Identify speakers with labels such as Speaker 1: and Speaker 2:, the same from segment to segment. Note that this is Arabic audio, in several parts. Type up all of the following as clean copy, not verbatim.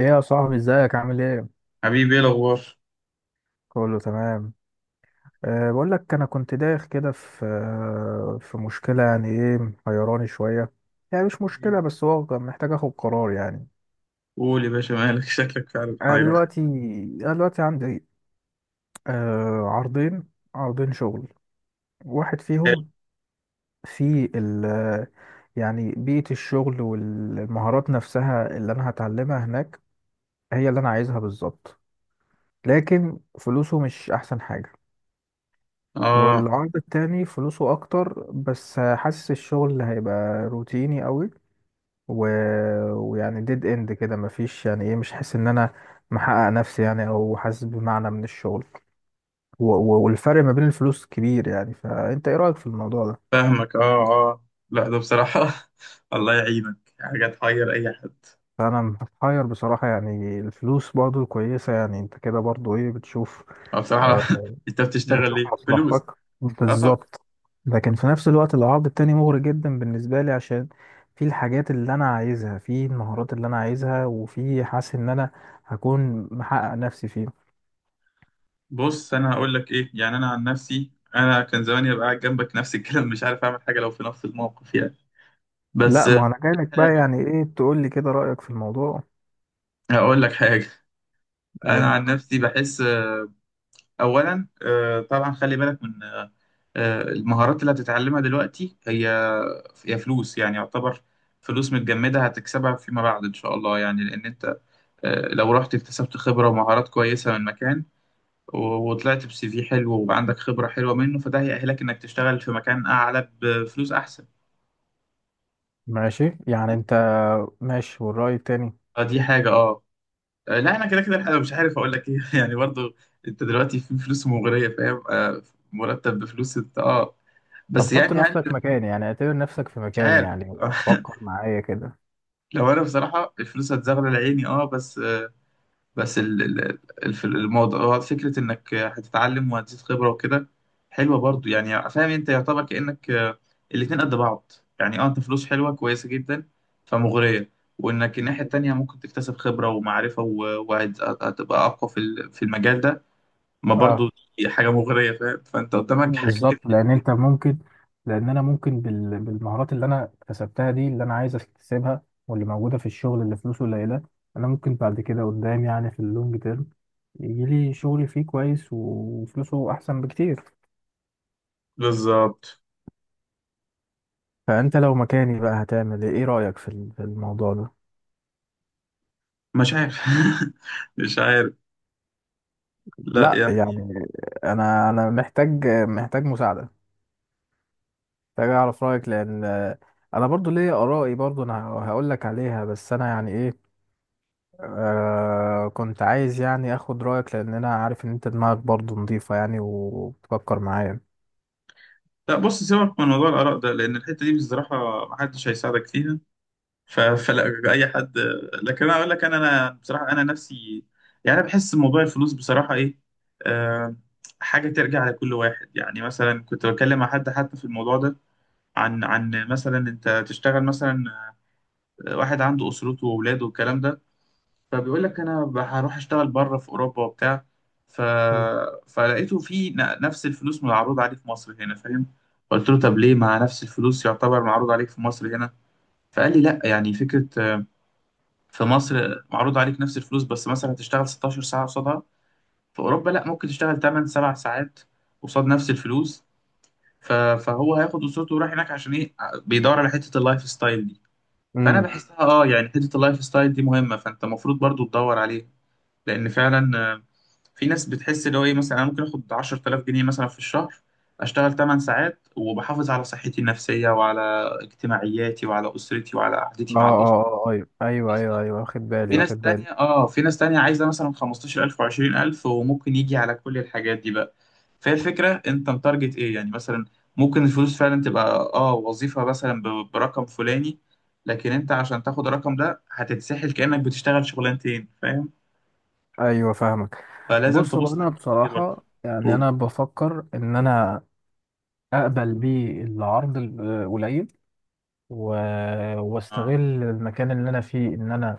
Speaker 1: ايه يا صاحبي، ازيك؟ عامل ايه؟
Speaker 2: حبيبي، ايه الاخبار؟
Speaker 1: كله تمام. أه بقول لك، انا كنت دايخ كده في مشكله، يعني ايه، محيراني شويه. يعني مش مشكله، بس هو كان محتاج اخد قرار يعني.
Speaker 2: قول يا باشا، مالك؟ شكلك فعلا
Speaker 1: انا
Speaker 2: حيران.
Speaker 1: دلوقتي انا دلوقتي عندي أه عرضين، عرضين شغل. واحد فيهم في ال يعني بيئه الشغل والمهارات نفسها اللي انا هتعلمها هناك هي اللي انا عايزها بالظبط، لكن فلوسه مش احسن حاجه.
Speaker 2: اه
Speaker 1: والعرض التاني فلوسه اكتر بس حاسس الشغل هيبقى روتيني قوي، و... ويعني ديد اند كده، مفيش يعني ايه، مش حاسس ان انا محقق نفسي يعني، او حاسس بمعنى من الشغل. والفرق ما بين الفلوس كبير يعني، فانت ايه رأيك في الموضوع ده؟
Speaker 2: فاهمك، اه اه. لا ده بصراحة، الله يعينك، حاجة تحير اي حد.
Speaker 1: فانا محير بصراحة، يعني الفلوس برضو كويسة، يعني انت كده برضو ايه بتشوف؟
Speaker 2: اه بصراحة،
Speaker 1: آه،
Speaker 2: انت بتشتغل
Speaker 1: بتشوف
Speaker 2: ليه؟ فلوس.
Speaker 1: مصلحتك.
Speaker 2: اه طب.
Speaker 1: بالظبط، لكن في نفس الوقت العرض التاني مغري جدا بالنسبة لي، عشان في الحاجات اللي أنا عايزها، في المهارات اللي أنا عايزها، وفي حاسس إن أنا هكون محقق نفسي فيه.
Speaker 2: بص، انا هقول لك ايه، يعني انا عن نفسي انا كان زماني ابقى قاعد جنبك نفس الكلام، مش عارف اعمل حاجة لو في نفس الموقف يعني. بس.
Speaker 1: لا، ما أنا جايلك بقى
Speaker 2: حاجة،
Speaker 1: يعني إيه، تقول لي كده رأيك في الموضوع.
Speaker 2: هقول لك حاجة.
Speaker 1: قول
Speaker 2: انا
Speaker 1: لي.
Speaker 2: عن نفسي بحس اولا، طبعا خلي بالك من المهارات اللي هتتعلمها دلوقتي، هي يا فلوس يعني، يعتبر فلوس متجمدة هتكسبها فيما بعد إن شاء الله، يعني لأن أنت لو رحت اكتسبت خبرة ومهارات كويسة من مكان وطلعت بسي في حلو وعندك خبرة حلوة منه، فده هيأهلك إنك تشتغل في مكان أعلى بفلوس أحسن.
Speaker 1: ماشي، يعني أنت ماشي، والرأي التاني؟
Speaker 2: فدي حاجة أه. لا، أنا كده كده الحقيقة مش عارف أقول لك إيه يعني برضو. أنت دلوقتي في فلوس مغرية، فاهم؟ مرتب بفلوس أنت أه،
Speaker 1: طب
Speaker 2: بس
Speaker 1: حط
Speaker 2: يعني هل؟
Speaker 1: نفسك مكاني، يعني اعتبر نفسك في
Speaker 2: مش
Speaker 1: مكاني،
Speaker 2: عارف.
Speaker 1: يعني فكر معايا كده.
Speaker 2: لو أنا بصراحة الفلوس هتزغلل عيني أه، بس في الموضوع فكرة إنك هتتعلم وهتزيد خبرة وكده، حلوة برضو يعني. فاهم أنت، يعتبر كأنك الاتنين قد بعض. يعني أه، أنت فلوس حلوة كويسة جدا، فمغرية. وإنك الناحية التانية ممكن تكتسب خبرة ومعرفة وهتبقى أقوى في في المجال ده ما
Speaker 1: اه،
Speaker 2: برضو، دي حاجة مغرية، فاهم؟ فأنت قدامك حاجتين.
Speaker 1: بالظبط، لان انت ممكن، لان انا ممكن بالمهارات اللي انا اكتسبتها دي، اللي انا عايز اكتسبها، واللي موجوده في الشغل اللي فلوسه قليله، انا ممكن بعد كده قدام، يعني في اللونج تيرم، يجي لي شغل فيه كويس وفلوسه احسن بكتير.
Speaker 2: بالظبط.
Speaker 1: فانت لو مكاني بقى هتعمل ايه؟ إيه رايك في الموضوع ده؟
Speaker 2: مش عارف، مش عارف. لا
Speaker 1: لا
Speaker 2: يعني.
Speaker 1: يعني، انا محتاج مساعده، محتاج اعرف رايك، لان انا برضو ليا ارائي، برضو انا هقول لك عليها، بس انا يعني ايه، كنت عايز يعني اخد رأيك، لان انا عارف ان انت دماغك برضو نظيفة يعني وبتفكر معايا.
Speaker 2: لا بص، سيبك من موضوع الآراء ده لأن الحتة دي بصراحة محدش هيساعدك فيها. فلا اي حد. لكن انا اقول لك، انا بصراحه انا نفسي، يعني انا بحس موضوع الفلوس بصراحه ايه، آه حاجه ترجع لكل واحد. يعني مثلا كنت بتكلم مع حد حتى في الموضوع ده، عن مثلا انت تشتغل، مثلا واحد عنده اسرته واولاده والكلام ده، فبيقول لك انا هروح اشتغل بره في اوروبا وبتاع. ف
Speaker 1: مم.
Speaker 2: فلقيته في نفس الفلوس معروض عليه في مصر هنا، فاهم؟ قلت له طب ليه مع نفس الفلوس يعتبر معروض عليك في مصر هنا؟ فقال لي لا، يعني فكرة، في مصر معروض عليك نفس الفلوس بس مثلا هتشتغل 16 ساعة قصادها، في أوروبا لا، ممكن تشتغل 8 7 ساعات قصاد نفس الفلوس. فهو هياخد أسرته وراح هناك عشان إيه؟ بيدور على حتة اللايف ستايل دي. فأنا
Speaker 1: امم.
Speaker 2: بحسها أه، يعني حتة اللايف ستايل دي مهمة، فأنت المفروض برضو تدور عليها لأن فعلا في ناس بتحس اللي هو إيه، مثلا أنا ممكن آخد 10,000 جنيه مثلا في الشهر، أشتغل 8 ساعات وبحافظ على صحتي النفسية وعلى اجتماعياتي وعلى أسرتي وعلى
Speaker 1: اه
Speaker 2: قعدتي مع الأسرة.
Speaker 1: اه اه، ايوه ايوه ايوه
Speaker 2: بالظبط.
Speaker 1: ايوه، واخد بالي
Speaker 2: في ناس
Speaker 1: واخد بالي.
Speaker 2: تانية اه، في ناس تانية عايزة مثلا 15,000 و20000، وممكن يجي على كل الحاجات دي بقى. فهي الفكرة انت متارجت ايه يعني. مثلا ممكن الفلوس فعلا تبقى اه، وظيفة مثلا برقم فلاني، لكن انت عشان تاخد الرقم ده هتتسحل كأنك بتشتغل شغلانتين، فاهم؟
Speaker 1: ايوه، فاهمك.
Speaker 2: فلازم
Speaker 1: بص، هو
Speaker 2: تبص على
Speaker 1: انا
Speaker 2: الحتة دي برضه.
Speaker 1: بصراحة يعني
Speaker 2: قول.
Speaker 1: انا بفكر ان انا اقبل بيه العرض القليل، و... واستغل
Speaker 2: اه.
Speaker 1: المكان اللي انا فيه، ان انا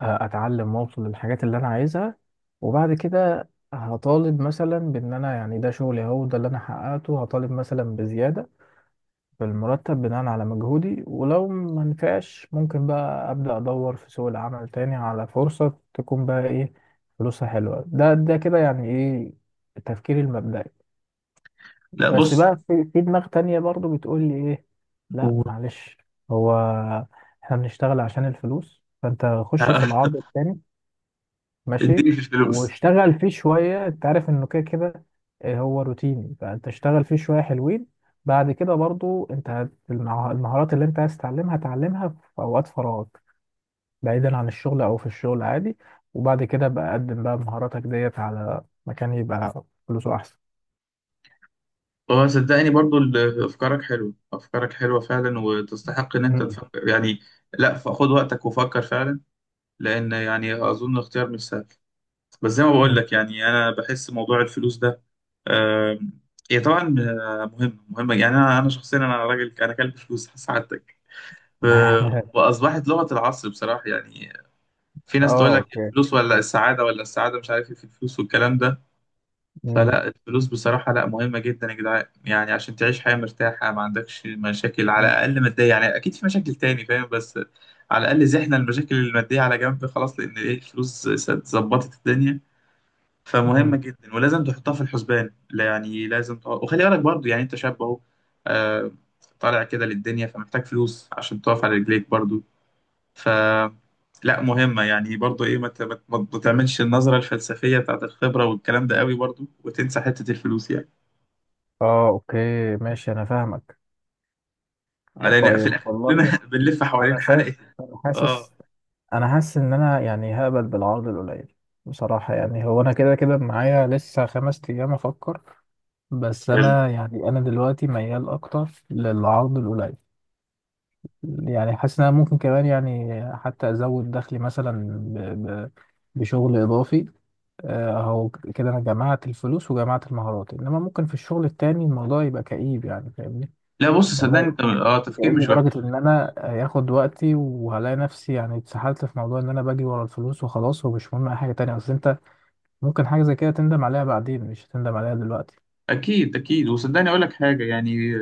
Speaker 1: اتعلم واوصل للحاجات اللي انا عايزها، وبعد كده هطالب مثلا بان انا، يعني ده شغلي اهو، ده اللي انا حققته، هطالب مثلا بزياده في المرتب بناء على مجهودي. ولو ما نفعش ممكن بقى ابدا ادور في سوق العمل تاني على فرصه تكون بقى ايه، فلوسها حلوه. ده كده يعني ايه، التفكير المبدئي.
Speaker 2: لا
Speaker 1: بس
Speaker 2: بص
Speaker 1: بقى في دماغ تانية برضو بتقول لي ايه، لا
Speaker 2: قول.
Speaker 1: معلش، هو احنا بنشتغل عشان الفلوس، فانت خش في العرض التاني. ماشي،
Speaker 2: اديني في الفلوس.
Speaker 1: واشتغل فيه شوية، انت عارف انه كده كده هو روتيني، فانت اشتغل فيه شوية حلوين، بعد كده برضو انت المهارات اللي انت عايز تعلمها تعلمها في اوقات فراغك، بعيدا عن الشغل او في الشغل عادي، وبعد كده بقى قدم بقى مهاراتك ديت على مكان يبقى فلوسه احسن.
Speaker 2: هو صدقني، برضو افكارك حلوه، افكارك حلوه فعلا وتستحق ان انت
Speaker 1: مم.
Speaker 2: تفكر يعني. لا خد وقتك وفكر فعلا، لان يعني اظن اختيار مش سهل. بس زي ما بقول
Speaker 1: مم.
Speaker 2: لك يعني، انا بحس موضوع الفلوس ده، آم، هي طبعا مهمه مهمه. يعني انا، انا شخصيا، انا راجل انا كلب فلوس، سعادتك. ف- واصبحت لغه العصر بصراحه يعني. في ناس تقول
Speaker 1: اه،
Speaker 2: لك
Speaker 1: اوكي.
Speaker 2: الفلوس ولا السعاده، ولا السعاده مش عارف ايه، في الفلوس والكلام ده.
Speaker 1: مم.
Speaker 2: فلا، الفلوس بصراحة لا، مهمة جدا يا جدعان، يعني عشان تعيش حياة مرتاحة ما عندكش مشاكل على
Speaker 1: مم.
Speaker 2: الأقل مادية، يعني أكيد في مشاكل تاني، فاهم؟ بس على الأقل زحنا المشاكل المادية على جنب، خلاص، لأن إيه، الفلوس ظبطت الدنيا. فمهمة
Speaker 1: مم.
Speaker 2: جدا ولازم تحطها في الحسبان، لا يعني لازم تقعد وخلي بالك برضو يعني. أنت شاب أهو، آه، طالع كده للدنيا، فمحتاج فلوس عشان تقف على رجليك برضو. ف لا، مهمة يعني برضو ايه، ما تعملش النظرة الفلسفية بتاعت الخبرة والكلام ده قوي برضو وتنسى حتة الفلوس يعني،
Speaker 1: اه، اوكي، ماشي، انا فاهمك.
Speaker 2: لأن في
Speaker 1: طيب،
Speaker 2: الآخر
Speaker 1: والله،
Speaker 2: كلنا بنلف
Speaker 1: انا
Speaker 2: حوالين
Speaker 1: شايف،
Speaker 2: حلقة.
Speaker 1: انا
Speaker 2: اه
Speaker 1: حاسس، انا حاسس ان انا يعني هقبل بالعرض القليل. بصراحة يعني، هو انا كده كده معايا لسه 5 ايام افكر. بس
Speaker 2: حلو.
Speaker 1: انا يعني انا دلوقتي ميال اكتر للعرض القليل. يعني حاسس ان انا ممكن كمان يعني حتى ازود دخلي مثلا ب... ب... بشغل اضافي. اهو كده انا جمعت الفلوس وجمعت المهارات، انما ممكن في الشغل التاني الموضوع يبقى كئيب يعني فاهمني،
Speaker 2: لا بص صدقني، انت اه تفكير
Speaker 1: بيتعبني
Speaker 2: مش وحش.
Speaker 1: لدرجة إن أنا هياخد وقتي وهلاقي نفسي يعني اتسحلت في موضوع إن أنا باجي ورا الفلوس وخلاص ومش مهم أي حاجة تانية، أصل أنت ممكن حاجة زي كده تندم عليها بعدين، مش هتندم عليها دلوقتي.
Speaker 2: اكيد اكيد، وصدقني اقول لك حاجه يعني،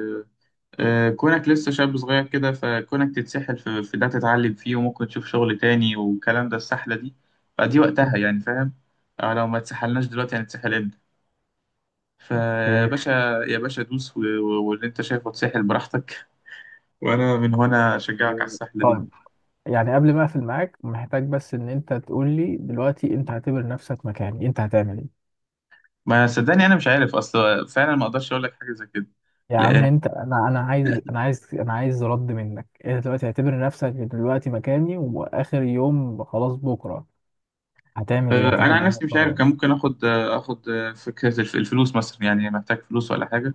Speaker 2: كونك لسه شاب صغير كده، فكونك تتسحل في, ده تتعلم فيه وممكن تشوف شغل تاني والكلام ده، السحله دي فدي وقتها يعني، فاهم؟ لو ما تسحلناش دلوقتي هنتسحل امتى؟ فيا
Speaker 1: اوكي،
Speaker 2: باشا، يا باشا دوس واللي انت شايفه اتسحل براحتك، وانا من هنا اشجعك على السحله دي.
Speaker 1: طيب، يعني قبل ما أقفل معاك محتاج بس إن أنت تقول لي دلوقتي أنت هتعتبر نفسك مكاني أنت هتعمل إيه؟
Speaker 2: ما صدقني، انا مش عارف اصلا فعلا، ما اقدرش اقول لك حاجه زي كده
Speaker 1: يا عم
Speaker 2: لان.
Speaker 1: أنت، أنا عايز أنا عايز أنا عايز رد منك. أنت دلوقتي هتعتبر نفسك دلوقتي مكاني وآخر يوم خلاص بكرة، هتعمل إيه؟
Speaker 2: انا
Speaker 1: هتاخد
Speaker 2: عن
Speaker 1: أنهي
Speaker 2: نفسي مش عارف،
Speaker 1: قرار؟
Speaker 2: كان ممكن اخد فكره الفلوس مثلا يعني، محتاج فلوس ولا حاجه،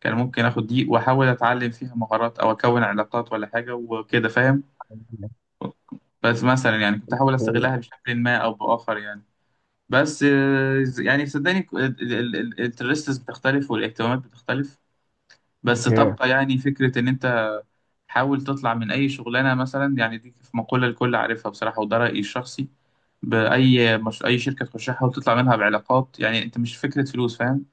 Speaker 2: كان ممكن اخد دي واحاول اتعلم فيها مهارات او اكون علاقات ولا حاجه وكده، فاهم؟ بس مثلا يعني كنت احاول استغلها بشكل ما او باخر يعني. بس يعني صدقني الانترستس بتختلف والاهتمامات بتختلف. بس
Speaker 1: اوكي.
Speaker 2: تبقى يعني فكرة إن أنت حاول تطلع من أي شغلانة مثلا يعني، دي في مقولة الكل عارفها بصراحة وده رأيي الشخصي، بأي مش أي شركة تخشها حاول تطلع منها بعلاقات. يعني أنت مش فكرة فلوس، فاهم؟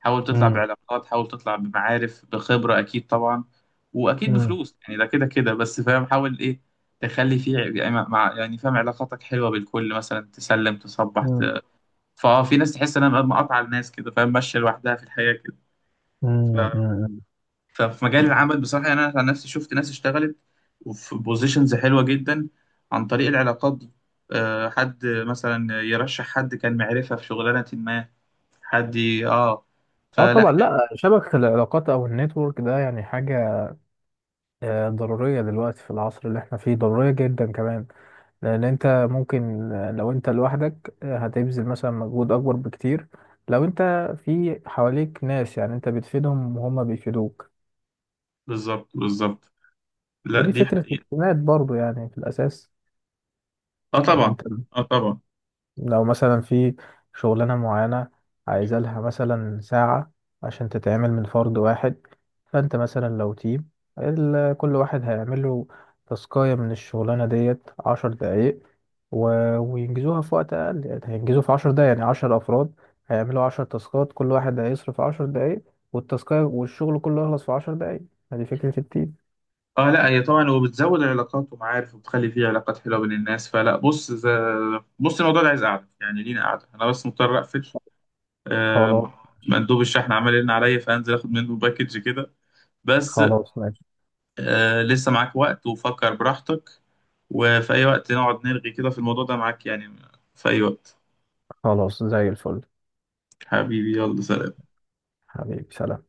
Speaker 2: حاول تطلع
Speaker 1: امم.
Speaker 2: بعلاقات، حاول تطلع بمعارف بخبرة، أكيد طبعا وأكيد
Speaker 1: مم.
Speaker 2: بفلوس يعني، ده كده كده، بس فاهم حاول إيه تخلي فيه يعني، مع يعني فاهم علاقاتك حلوة بالكل، مثلا تسلم تصبح ت...
Speaker 1: مم.
Speaker 2: فأه، في ناس تحس إنها مقاطعة الناس كده، فاهم؟ ماشية لوحدها في الحياة كده.
Speaker 1: مم. مم.
Speaker 2: ففي مجال العمل بصراحة يعني أنا عن نفسي شفت ناس اشتغلت وفي بوزيشنز حلوة جدا عن طريق العلاقات دي. حد مثلا يرشح حد كان معرفة في شغلانة ما، حد اه.
Speaker 1: اه
Speaker 2: فلا.
Speaker 1: طبعا، لا شبكة العلاقات او النتورك ده يعني حاجة ضرورية دلوقتي في العصر اللي احنا فيه، ضرورية جدا كمان، لان انت ممكن لو انت لوحدك هتبذل مثلا مجهود اكبر بكتير، لو انت في حواليك ناس، يعني انت بتفيدهم وهم بيفيدوك.
Speaker 2: بالظبط بالظبط. لا
Speaker 1: ودي
Speaker 2: دي
Speaker 1: فكرة
Speaker 2: حقيقة.
Speaker 1: الاعتماد برضو يعني في الاساس.
Speaker 2: اه
Speaker 1: يعني
Speaker 2: طبعا.
Speaker 1: انت
Speaker 2: اه طبعا.
Speaker 1: لو مثلا في شغلانة معينة عايزة لها مثلا ساعة عشان تتعمل من فرد واحد، فأنت مثلا لو تيم، كل واحد هيعمل له تاسكاية من الشغلانة ديت 10 دقايق، و... وينجزوها في وقت أقل، يعني هينجزوا في 10 دقايق يعني 10 أفراد هيعملوا 10 تاسكات، كل واحد هيصرف 10 دقايق، والتاسكاية والشغل كله يخلص في 10 دقايق. هذه فكرة التيم.
Speaker 2: اه لا، هي طبعا وبتزود العلاقات ومعارف وبتخلي فيه علاقات حلوة بين الناس. فلا بص بص الموضوع ده عايز قعدة، يعني لينا قعدة، أنا بس مضطر أقفل.
Speaker 1: خلاص.
Speaker 2: آه، مندوب الشحن عمل لنا عليا فأنزل آخد منه باكج كده بس.
Speaker 1: خلاص، ماشي.
Speaker 2: آه، لسه معاك وقت وفكر براحتك، وفي أي وقت نقعد نرغي كده في الموضوع ده معاك يعني، في أي وقت.
Speaker 1: خلاص، زي الفل.
Speaker 2: حبيبي يلا سلام.
Speaker 1: حبيبي سلام.